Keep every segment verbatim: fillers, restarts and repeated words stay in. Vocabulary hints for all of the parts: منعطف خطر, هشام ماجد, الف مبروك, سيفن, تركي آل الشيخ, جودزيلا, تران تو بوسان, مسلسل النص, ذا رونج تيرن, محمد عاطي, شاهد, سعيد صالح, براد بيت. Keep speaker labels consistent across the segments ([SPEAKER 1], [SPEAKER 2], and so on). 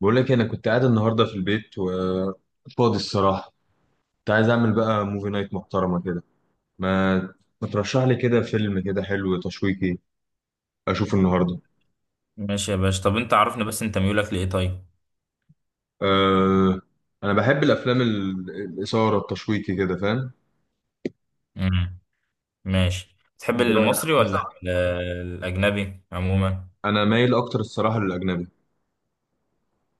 [SPEAKER 1] بقول لك إيه، انا كنت قاعد النهارده في البيت وفاضي الصراحه. كنت عايز اعمل بقى موفي نايت محترمه كده. ما ما ترشح لي كده فيلم كده حلو تشويقي اشوفه النهارده.
[SPEAKER 2] ماشي يا باشا، طب انت عرفني بس، انت ميولك لايه؟ طيب.
[SPEAKER 1] أه... انا بحب الافلام ال- الاثاره التشويقي كده فاهم.
[SPEAKER 2] امم ماشي، تحب
[SPEAKER 1] الدراما.
[SPEAKER 2] المصري ولا ال- الاجنبي عموما؟
[SPEAKER 1] انا مايل اكتر الصراحه للاجنبي.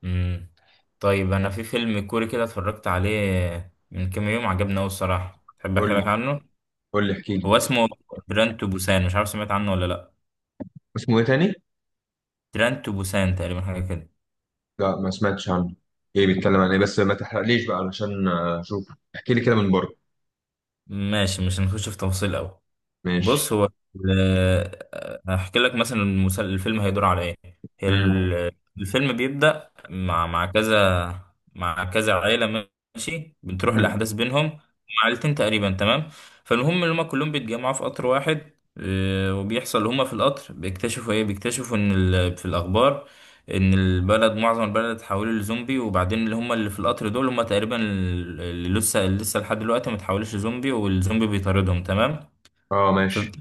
[SPEAKER 2] امم طيب، انا في فيلم كوري كده اتفرجت عليه من كام يوم، عجبني قوي الصراحه. تحب
[SPEAKER 1] قول
[SPEAKER 2] احكي لك
[SPEAKER 1] لي.
[SPEAKER 2] عنه؟
[SPEAKER 1] قول لي احكي لي.
[SPEAKER 2] هو اسمه تران تو بوسان، مش عارف سمعت عنه ولا لا؟
[SPEAKER 1] اسمه ايه تاني؟
[SPEAKER 2] تران تو بوسان تقريبا، حاجه كده.
[SPEAKER 1] لا ما سمعتش عنه. ايه بيتكلم عن ايه؟ بس ما تحرقليش بقى علشان اشوف. احكي لي كده من بره.
[SPEAKER 2] ماشي، مش هنخش في تفاصيل قوي.
[SPEAKER 1] ماشي.
[SPEAKER 2] بص هو، ال- هحكي لك مثلا المسل- الفيلم هيدور على ايه. هي
[SPEAKER 1] امم.
[SPEAKER 2] ال- الفيلم بيبدأ مع مع كذا، مع كذا عائلة. ماشي بتروح الأحداث بينهم هم، عائلتين تقريبا. تمام. فالمهم إن هما كلهم بيتجمعوا في قطر واحد. آه، وبيحصل هما في القطر بيكتشفوا ايه، بيكتشفوا ان ال- في الأخبار ان البلد، معظم البلد اتحولوا لزومبي، وبعدين اللي هم اللي في القطر دول هم تقريبا اللي لسه لسه لحد دلوقتي ما اتحولوش لزومبي، والزومبي بيطاردهم. تمام.
[SPEAKER 1] اه ماشي.
[SPEAKER 2] فبت-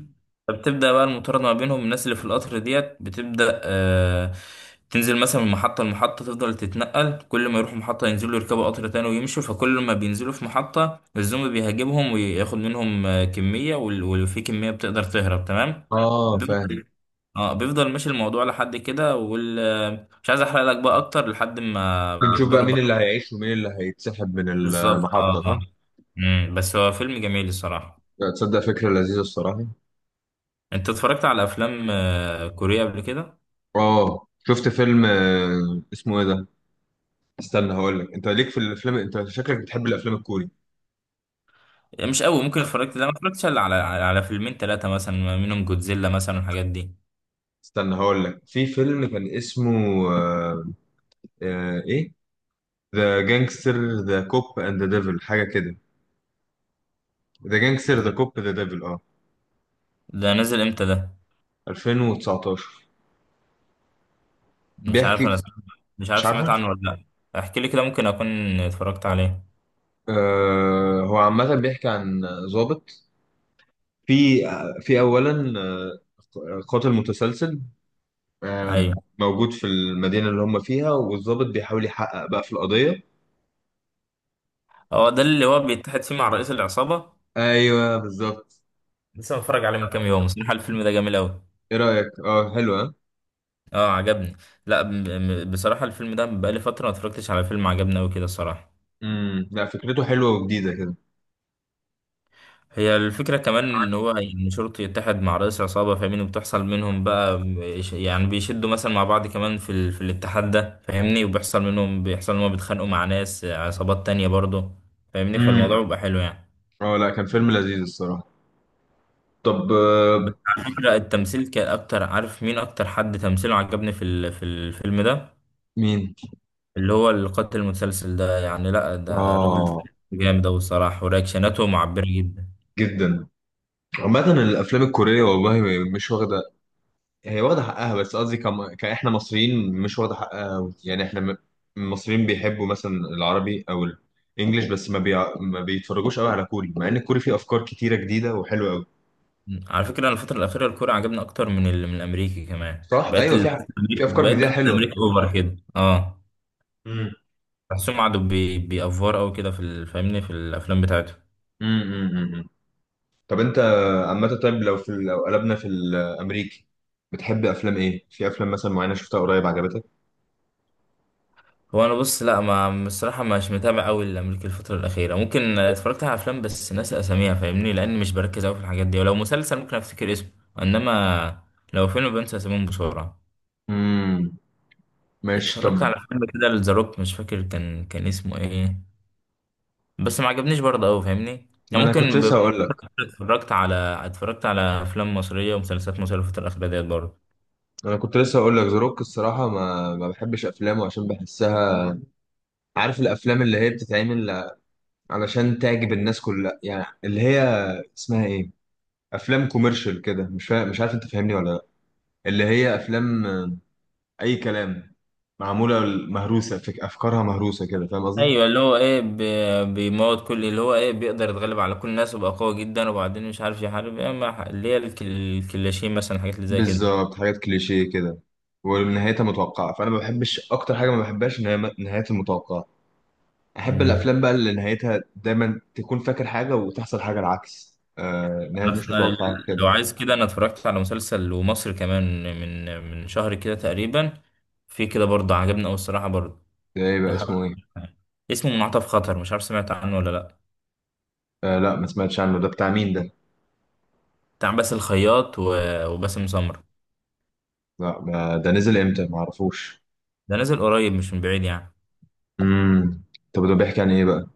[SPEAKER 2] فبتبدأ بقى المطاردة ما بينهم، الناس اللي في القطر ديت بتبدأ آه تنزل مثلا من محطة لمحطة، تفضل تتنقل، كل ما يروحوا محطة ينزلوا يركبوا قطر تاني ويمشوا، فكل ما بينزلوا في محطة الزومبي بيهاجمهم وياخد منهم آه، كمية، وال- ولو في كمية بتقدر تهرب. تمام.
[SPEAKER 1] اه فاهم.
[SPEAKER 2] بيفضل اه بيفضل ماشي الموضوع لحد كده وال آه، مش عايز احرق لك بقى اكتر، لحد ما
[SPEAKER 1] بنشوف بقى
[SPEAKER 2] بيقدروا
[SPEAKER 1] مين
[SPEAKER 2] بقى.
[SPEAKER 1] اللي هيعيش ومين اللي هيتسحب من
[SPEAKER 2] بالظبط. اه
[SPEAKER 1] المحطة صح؟
[SPEAKER 2] اه. مم، بس هو فيلم جميل الصراحة.
[SPEAKER 1] تصدق فكرة لذيذة الصراحة.
[SPEAKER 2] انت اتفرجت على افلام آه، كورية قبل كده؟
[SPEAKER 1] اه شفت فيلم، آه، اسمه ايه ده؟ استنى هقول لك. انت ليك في الافلام، انت شكلك بتحب الافلام الكوري.
[SPEAKER 2] يعني مش قوي، ممكن اتفرجت. لا، ما اتفرجتش الا على على على فيلمين ثلاثة مثلا، منهم جودزيلا مثلا والحاجات دي.
[SPEAKER 1] استنى هقول لك في فيلم كان اسمه آه، آه، ايه؟ ذا جانجستر ذا كوب اند ذا ديفل حاجة كده. ذا جانجستر ذا كوب ذا ديفل اه.
[SPEAKER 2] ده نزل امتى ده؟
[SPEAKER 1] ألفين وتسعطاشر.
[SPEAKER 2] مش عارف،
[SPEAKER 1] بيحكي.
[SPEAKER 2] انا سمعت. مش عارف
[SPEAKER 1] مش عارفه.
[SPEAKER 2] سمعت عنه ولا لا. احكي لي كده، ممكن اكون اتفرجت عليه.
[SPEAKER 1] آه هو عامة بيحكي عن ضابط، في في اولا آه، قاتل متسلسل آه،
[SPEAKER 2] ايوه،
[SPEAKER 1] موجود في المدينه اللي هم فيها، والضابط بيحاول يحقق بقى في القضيه.
[SPEAKER 2] هو ده اللي هو بيتحد فيه مع رئيس العصابة.
[SPEAKER 1] ايوه بالظبط.
[SPEAKER 2] لسه متفرج عليه من كام يوم بصراحة، الفيلم ده جميل قوي.
[SPEAKER 1] ايه رايك؟ اه حلوه.
[SPEAKER 2] اه، عجبني. لا، ب- ب- بصراحة الفيلم ده بقالي فترة ما اتفرجتش على فيلم عجبني قوي كده الصراحة.
[SPEAKER 1] امم، لا فكرته حلوه وجديده كده.
[SPEAKER 2] هي الفكرة كمان إن هو إن شرطي يتحد مع رئيس عصابة، فاهمني؟ وبتحصل منهم بقى بيش- يعني بيشدوا مثلا مع بعض كمان في, ال... في الاتحاد ده، فاهمني؟ وبيحصل منهم بيحصل إن هم بيتخانقوا مع ناس عصابات تانية برضه، فاهمني؟
[SPEAKER 1] امم.
[SPEAKER 2] فالموضوع بيبقى حلو يعني.
[SPEAKER 1] اه لا كان فيلم لذيذ الصراحه. طب آه،
[SPEAKER 2] بس على فكرة التمثيل كان أكتر، عارف مين أكتر حد تمثيله عجبني في ال... في الفيلم ده؟
[SPEAKER 1] مين؟
[SPEAKER 2] اللي هو القاتل المتسلسل ده، يعني لأ ده الراجل ده
[SPEAKER 1] اه
[SPEAKER 2] جامد أوي الصراحة، ورياكشناته معبرة جدا.
[SPEAKER 1] جدا. عامه الافلام الكوريه والله مش واخده. هي واخدة حقها، بس قصدي كم... كإحنا مصريين مش واخدة حقها أوي. يعني إحنا م- المصريين بيحبوا مثلا العربي أو الإنجليش، بس ما بي... ما بيتفرجوش قوي على كوري، مع إن الكوري فيه أفكار كتيرة جديدة وحلوة قوي.
[SPEAKER 2] مم. على فكرة أنا الفترة الأخيرة الكورة عجبني أكتر من ال... من الأمريكي كمان.
[SPEAKER 1] صح؟
[SPEAKER 2] بقيت
[SPEAKER 1] أيوه، في
[SPEAKER 2] ال...
[SPEAKER 1] ح- في أفكار
[SPEAKER 2] بقيت
[SPEAKER 1] جديدة
[SPEAKER 2] بحس
[SPEAKER 1] حلوة.
[SPEAKER 2] الأمريكي أوفر كده. أه
[SPEAKER 1] امم.
[SPEAKER 2] بحسهم قعدوا بي... بيأفور أوي كده في ال... فاهمني، في الأفلام بتاعتهم.
[SPEAKER 1] امم. امم. طب أنت عامة، طيب لو في ال- لو قلبنا في الأمريكي، بتحب أفلام إيه؟ في أفلام مثلا معينة شفتها قريب عجبتك؟
[SPEAKER 2] هو أنا بص، لا، ما الصراحة مش متابع أوي الأمريكي الفترة الأخيرة. ممكن اتفرجت على أفلام بس ناسي أساميها، فاهمني؟ لأن مش بركز أوي في الحاجات دي. ولو مسلسل ممكن أفتكر اسمه، إنما لو فيلم بنسى أساميهم بسرعة.
[SPEAKER 1] امم. ماشي طب.
[SPEAKER 2] اتفرجت على فيلم كده لذا روك، مش فاكر كان كان اسمه إيه، بس ما عجبنيش برضه أوي فاهمني.
[SPEAKER 1] ما
[SPEAKER 2] يعني
[SPEAKER 1] أنا كنت
[SPEAKER 2] ممكن
[SPEAKER 1] لسه هقول لك.
[SPEAKER 2] اتفرجت على اتفرجت على افلام مصريه ومسلسلات مصريه في الفتره الاخيره ديت برضه.
[SPEAKER 1] أنا كنت لسه هقول لك زاروك الصراحة، ما ما بحبش أفلامه، عشان بحسها، عارف الافلام اللي هي بتتعمل علشان تعجب الناس كلها، يعني اللي هي اسمها ايه، افلام كوميرشال كده. مش فا... مش عارف انت فاهمني ولا لا. اللي هي افلام آه، اي كلام، معموله مهروسه، فك... افكارها مهروسه كده، فاهم قصدي؟
[SPEAKER 2] ايوه، اللي هو ايه ب- بيموت كل، اللي هو ايه بيقدر يتغلب على كل الناس ويبقى قوي جدا وبعدين مش عارف يحارب ايه، ما- اللي هي الك- الكلاشين مثلا، حاجات اللي زي كده.
[SPEAKER 1] بالظبط، حاجات كليشيه كده ونهايتها متوقعه. فانا ما بحبش، اكتر حاجه ما بحبهاش ان هي م- نهايتها المتوقعه. احب
[SPEAKER 2] مم.
[SPEAKER 1] الافلام بقى اللي نهايتها دايما تكون فاكر حاجه وتحصل حاجه العكس، آه نهايه
[SPEAKER 2] أف-
[SPEAKER 1] مش متوقعه
[SPEAKER 2] لو
[SPEAKER 1] كده.
[SPEAKER 2] عايز كده انا اتفرجت على مسلسل ومصري كمان من من شهر كده تقريبا، في كده برضه عجبني قوي الصراحه برضه.
[SPEAKER 1] ده ايه
[SPEAKER 2] لو
[SPEAKER 1] بقى،
[SPEAKER 2] حابب-
[SPEAKER 1] اسمه ايه؟
[SPEAKER 2] اسمه منعطف خطر، مش عارف سمعت عنه ولا لا.
[SPEAKER 1] آه لا ما سمعتش عنه، ده بتاع مين ده؟
[SPEAKER 2] بتاع باسل الخياط و- وباسم سمرة.
[SPEAKER 1] لا ما- ده نزل امتى؟ ما اعرفوش.
[SPEAKER 2] ده نازل قريب، مش من بعيد يعني.
[SPEAKER 1] امم. طب ده بيحكي عن ايه بقى؟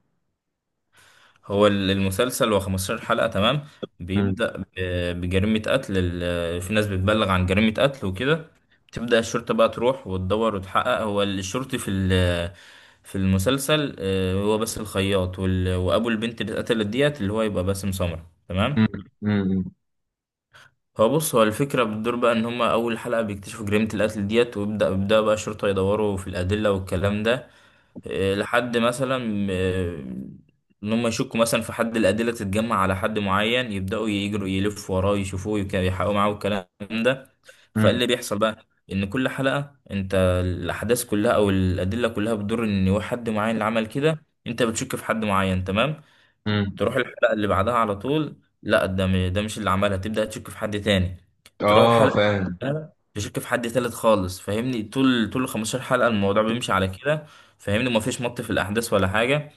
[SPEAKER 2] هو ال- المسلسل هو 15 حلقة. تمام.
[SPEAKER 1] امم.
[SPEAKER 2] بيبدأ ب- بجريمة قتل. ال- في ناس بتبلغ عن جريمة قتل وكده. بتبدأ الشرطة بقى تروح وتدور وتحقق. هو الشرطي في ال- في المسلسل آه، هو بس الخياط، وال- وأبو البنت اللي اتقتلت ديت اللي هو يبقى باسم سمرة. تمام.
[SPEAKER 1] امم. امم.
[SPEAKER 2] هو بص، هو الفكرة بتدور بقى إن هما أول حلقة بيكتشفوا جريمة القتل ديت، ويبدأ بيبدأ بقى الشرطة يدوروا في الأدلة والكلام ده. آه، لحد مثلا آه، ان هم يشكوا مثلا في حد، الادله تتجمع على حد معين، يبداوا يجروا يلفوا وراه يشوفوه يك- يحققوا معاه الكلام ده.
[SPEAKER 1] امم.
[SPEAKER 2] فاللي بيحصل بقى ان كل حلقه انت، الاحداث كلها او الادله كلها بتدور ان هو حد معين اللي عمل كده، انت بتشك في حد معين. تمام.
[SPEAKER 1] أمم.
[SPEAKER 2] تروح الحلقة اللي بعدها على طول، لا ده م- ده مش اللي عملها، تبدأ تشك في حد تاني. تروح
[SPEAKER 1] اه
[SPEAKER 2] الحلقة اللي
[SPEAKER 1] فاهم.
[SPEAKER 2] بعدها تشك في حد تالت خالص، فاهمني؟ طول طول 15 حلقة الموضوع بيمشي على كده، فاهمني؟ ومفيش مط في الأحداث ولا حاجة.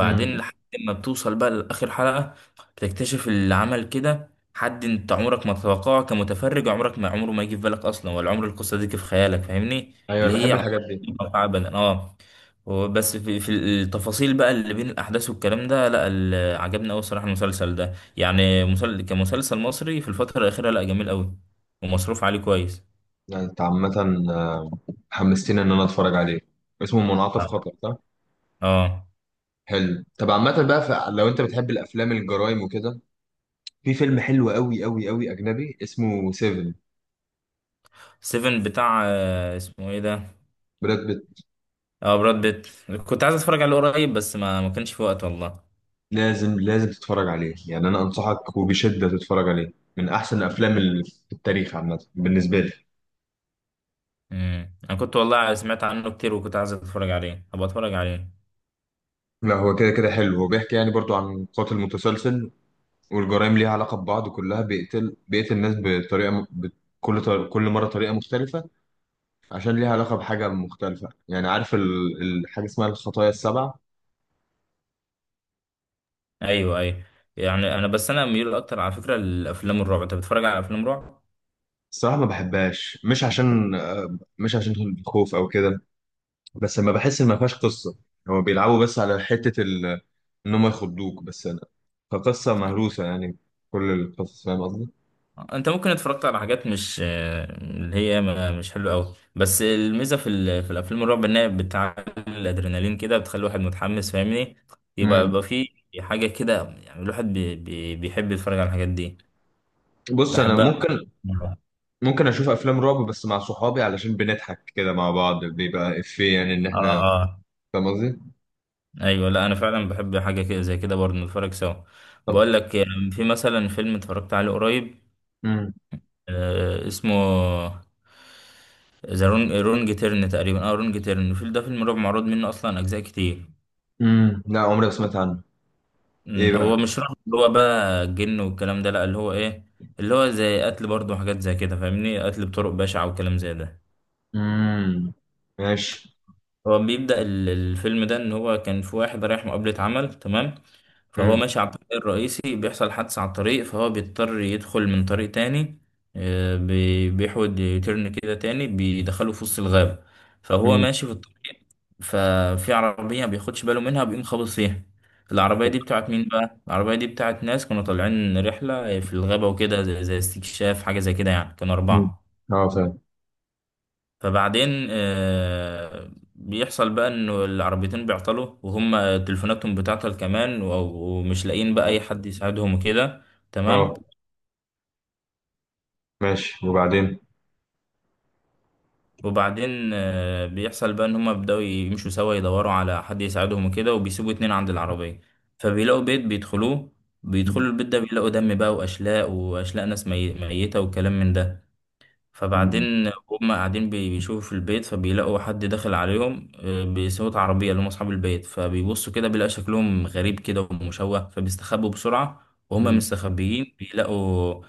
[SPEAKER 1] امم.
[SPEAKER 2] لحد ما بتوصل بقى لآخر حلقة، بتكتشف اللي عمل كده حد انت عمرك ما تتوقعه كمتفرج، عمرك ما عمره ما يجي في بالك اصلا، ولا عمر القصة دي جه في خيالك، فاهمني؟
[SPEAKER 1] ايوه انا
[SPEAKER 2] اللي هي
[SPEAKER 1] بحب
[SPEAKER 2] عمرك
[SPEAKER 1] الحاجات دي.
[SPEAKER 2] ما تتوقعها ابدا. اه. بس في في التفاصيل بقى اللي بين الاحداث والكلام ده، لا ال- عجبني قوي الصراحه المسلسل ده. يعني مسل... كمسلسل مصري في الفتره الاخيره، لا جميل قوي. ومصروف عليه كويس.
[SPEAKER 1] لا، انت عامة آه، حمستني ان انا اتفرج عليه. اسمه منعطف
[SPEAKER 2] اه.
[SPEAKER 1] خطر صح؟
[SPEAKER 2] آه.
[SPEAKER 1] حلو. طب عامة بقى، ف- لو انت بتحب الافلام الجرايم وكده، في فيلم حلو قوي قوي قوي اجنبي اسمه سيفن.
[SPEAKER 2] سيفن بتاع آه، اسمه ايه ده؟
[SPEAKER 1] براد بيت.
[SPEAKER 2] اه، براد بيت. كنت عايز اتفرج عليه قريب بس ما ما كانش في وقت والله.
[SPEAKER 1] لازم لازم تتفرج عليه يعني، انا انصحك وبشدة تتفرج عليه، من احسن الافلام اللي في التاريخ عامة بالنسبة لي.
[SPEAKER 2] امم انا كنت والله سمعت عنه كتير وكنت عايز اتفرج عليه، هبقى اتفرج عليه.
[SPEAKER 1] لا هو كده كده حلو، هو بيحكي يعني برضو عن قاتل متسلسل، والجرائم ليها علاقة ببعض، كلها بيقتل، بيقتل الناس بطريقة م- ب- كل طر... كل مرة طريقة مختلفة، عشان ليها علاقة بحاجة مختلفة. يعني عارف ال... الحاجة اسمها الخطايا السبع.
[SPEAKER 2] ايوه، ايوه. يعني انا بس انا ميول اكتر على فكره لافلام الرعب. انت بتتفرج على افلام رعب؟
[SPEAKER 1] الصراحة ما بحبهاش، مش عشان آه، مش عشان الخوف أو كده، بس لما بحس إن ما فيهاش قصة، هو بيلعبوا بس على حتة ال... إن هم يخضوك بس. أنا كقصة مهروسة يعني، كل القصص، فاهم قصدي؟
[SPEAKER 2] انت ممكن اتفرجت على حاجات مش اللي هي ما- مش حلوه قوي، بس الميزه في ال- في الافلام الرعب انها بتعلي الادرينالين كده، بتخلي الواحد متحمس فاهمني. يبقى يبقى
[SPEAKER 1] مم.
[SPEAKER 2] في حاجه كده، يعني الواحد بي بي بيحب يتفرج على الحاجات دي.
[SPEAKER 1] بص أنا، لا
[SPEAKER 2] بحبها أكتر.
[SPEAKER 1] ممكن. ممكن اشوف افلام رعب بس مع صحابي، علشان بنضحك كده مع بعض، بيبقى افيه يعني ان
[SPEAKER 2] اه،
[SPEAKER 1] احنا،
[SPEAKER 2] اه،
[SPEAKER 1] فاهم قصدي؟
[SPEAKER 2] ايوه. لا انا فعلا بحب حاجه كده زي كده برضه، نتفرج سوا.
[SPEAKER 1] طب.
[SPEAKER 2] بقول لك، في مثلا فيلم اتفرجت عليه قريب
[SPEAKER 1] امم.
[SPEAKER 2] آه، اسمه ذا رونج رونج تيرن تقريبا، اه رونج تيرن. الفيلم ده فيلم رعب معروض منه اصلا اجزاء كتير.
[SPEAKER 1] امم. لا عمري ما سمعت عنه.
[SPEAKER 2] مم،
[SPEAKER 1] ايه
[SPEAKER 2] هو
[SPEAKER 1] بقى؟
[SPEAKER 2] مش رعب اللي هو بقى جن والكلام ده، لا، اللي هو ايه؟ اللي هو زي قتل برضه وحاجات زي كده فاهمني، قتل بطرق بشعة وكلام زي ده.
[SPEAKER 1] امم. ماشي.
[SPEAKER 2] هو بيبدأ ال- الفيلم ده إن هو كان في واحد رايح مقابلة عمل. تمام. فهو
[SPEAKER 1] امم.
[SPEAKER 2] ماشي على الطريق الرئيسي، بيحصل حادثة على الطريق فهو بيضطر يدخل من طريق تاني. آه، بي- بيحود يترن كده تاني، بيدخله في وسط الغابة. فهو
[SPEAKER 1] امم.
[SPEAKER 2] ماشي في الطريق، ففي عربية بياخدش باله منها، بيقوم خابط فيها. العربية دي بتاعت مين بقى؟ العربية دي بتاعت ناس كانوا طالعين رحلة في الغابة وكده زي زي استكشاف حاجة زي كده يعني، كانوا
[SPEAKER 1] أمم.
[SPEAKER 2] أربعة.
[SPEAKER 1] اه فاهم.
[SPEAKER 2] فبعدين آه، بيحصل بقى انه العربيتين بيعطلوا، وهم تليفوناتهم بتعطل كمان، و- ومش لاقيين بقى اي حد يساعدهم وكده. تمام.
[SPEAKER 1] اه ماشي، وبعدين؟
[SPEAKER 2] وبعدين آه، بيحصل بقى ان هم بيبداوا يمشوا سوا يدوروا على حد يساعدهم وكده، وبيسيبوا اتنين عند العربية. فبيلاقوا بيت بيدخلوه، بيدخلوا
[SPEAKER 1] أمم.
[SPEAKER 2] البيت ده بيلاقوا دم بقى واشلاء، واشلاء ناس مي- ميتة وكلام من ده.
[SPEAKER 1] أمم.
[SPEAKER 2] فبعدين هم قاعدين بي- بيشوفوا في البيت، فبيلاقوا حد داخل عليهم آه، بصوت عربية اللي هم أصحاب البيت، فبيبصوا كده بيلاقي شكلهم غريب كده ومشوه، فبيستخبوا بسرعة. وهم
[SPEAKER 1] أمم.
[SPEAKER 2] مستخبيين بيلاقوا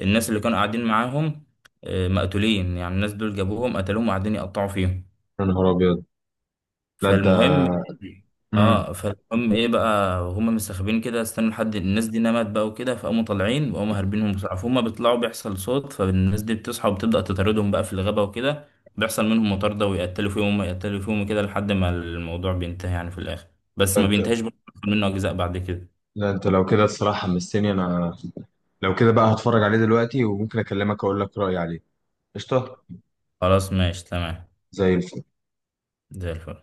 [SPEAKER 2] الناس اللي كانوا قاعدين معاهم آه، مقتولين، يعني الناس دول جابوهم قتلوهم وقاعدين يقطعوا فيهم.
[SPEAKER 1] يا نهار ابيض. لا انت.
[SPEAKER 2] فالمهم
[SPEAKER 1] امم.
[SPEAKER 2] اه فالمهم ايه بقى، هما مستخبيين كده استنوا لحد الناس دي نمت بقى وكده، فقاموا طالعين وقاموا هاربينهم بسرعه، فهم بيطلعوا بيحصل صوت، فالناس دي بتصحى وبتبدا تطاردهم بقى في الغابه وكده. بيحصل منهم مطارده ويقتلوا فيهم يقتلوا فيهم كده لحد ما الموضوع بينتهي يعني في الاخر. بس ما
[SPEAKER 1] انت،
[SPEAKER 2] بينتهيش برضه، بيحصل منه اجزاء بعد كده.
[SPEAKER 1] لا انت لو كده الصراحه حمستني انا. لو كده بقى هتفرج عليه دلوقتي، وممكن اكلمك اقول لك رايي عليه. قشطه.
[SPEAKER 2] خلاص ماشي تمام.
[SPEAKER 1] زي الفل.
[SPEAKER 2] زي الفل.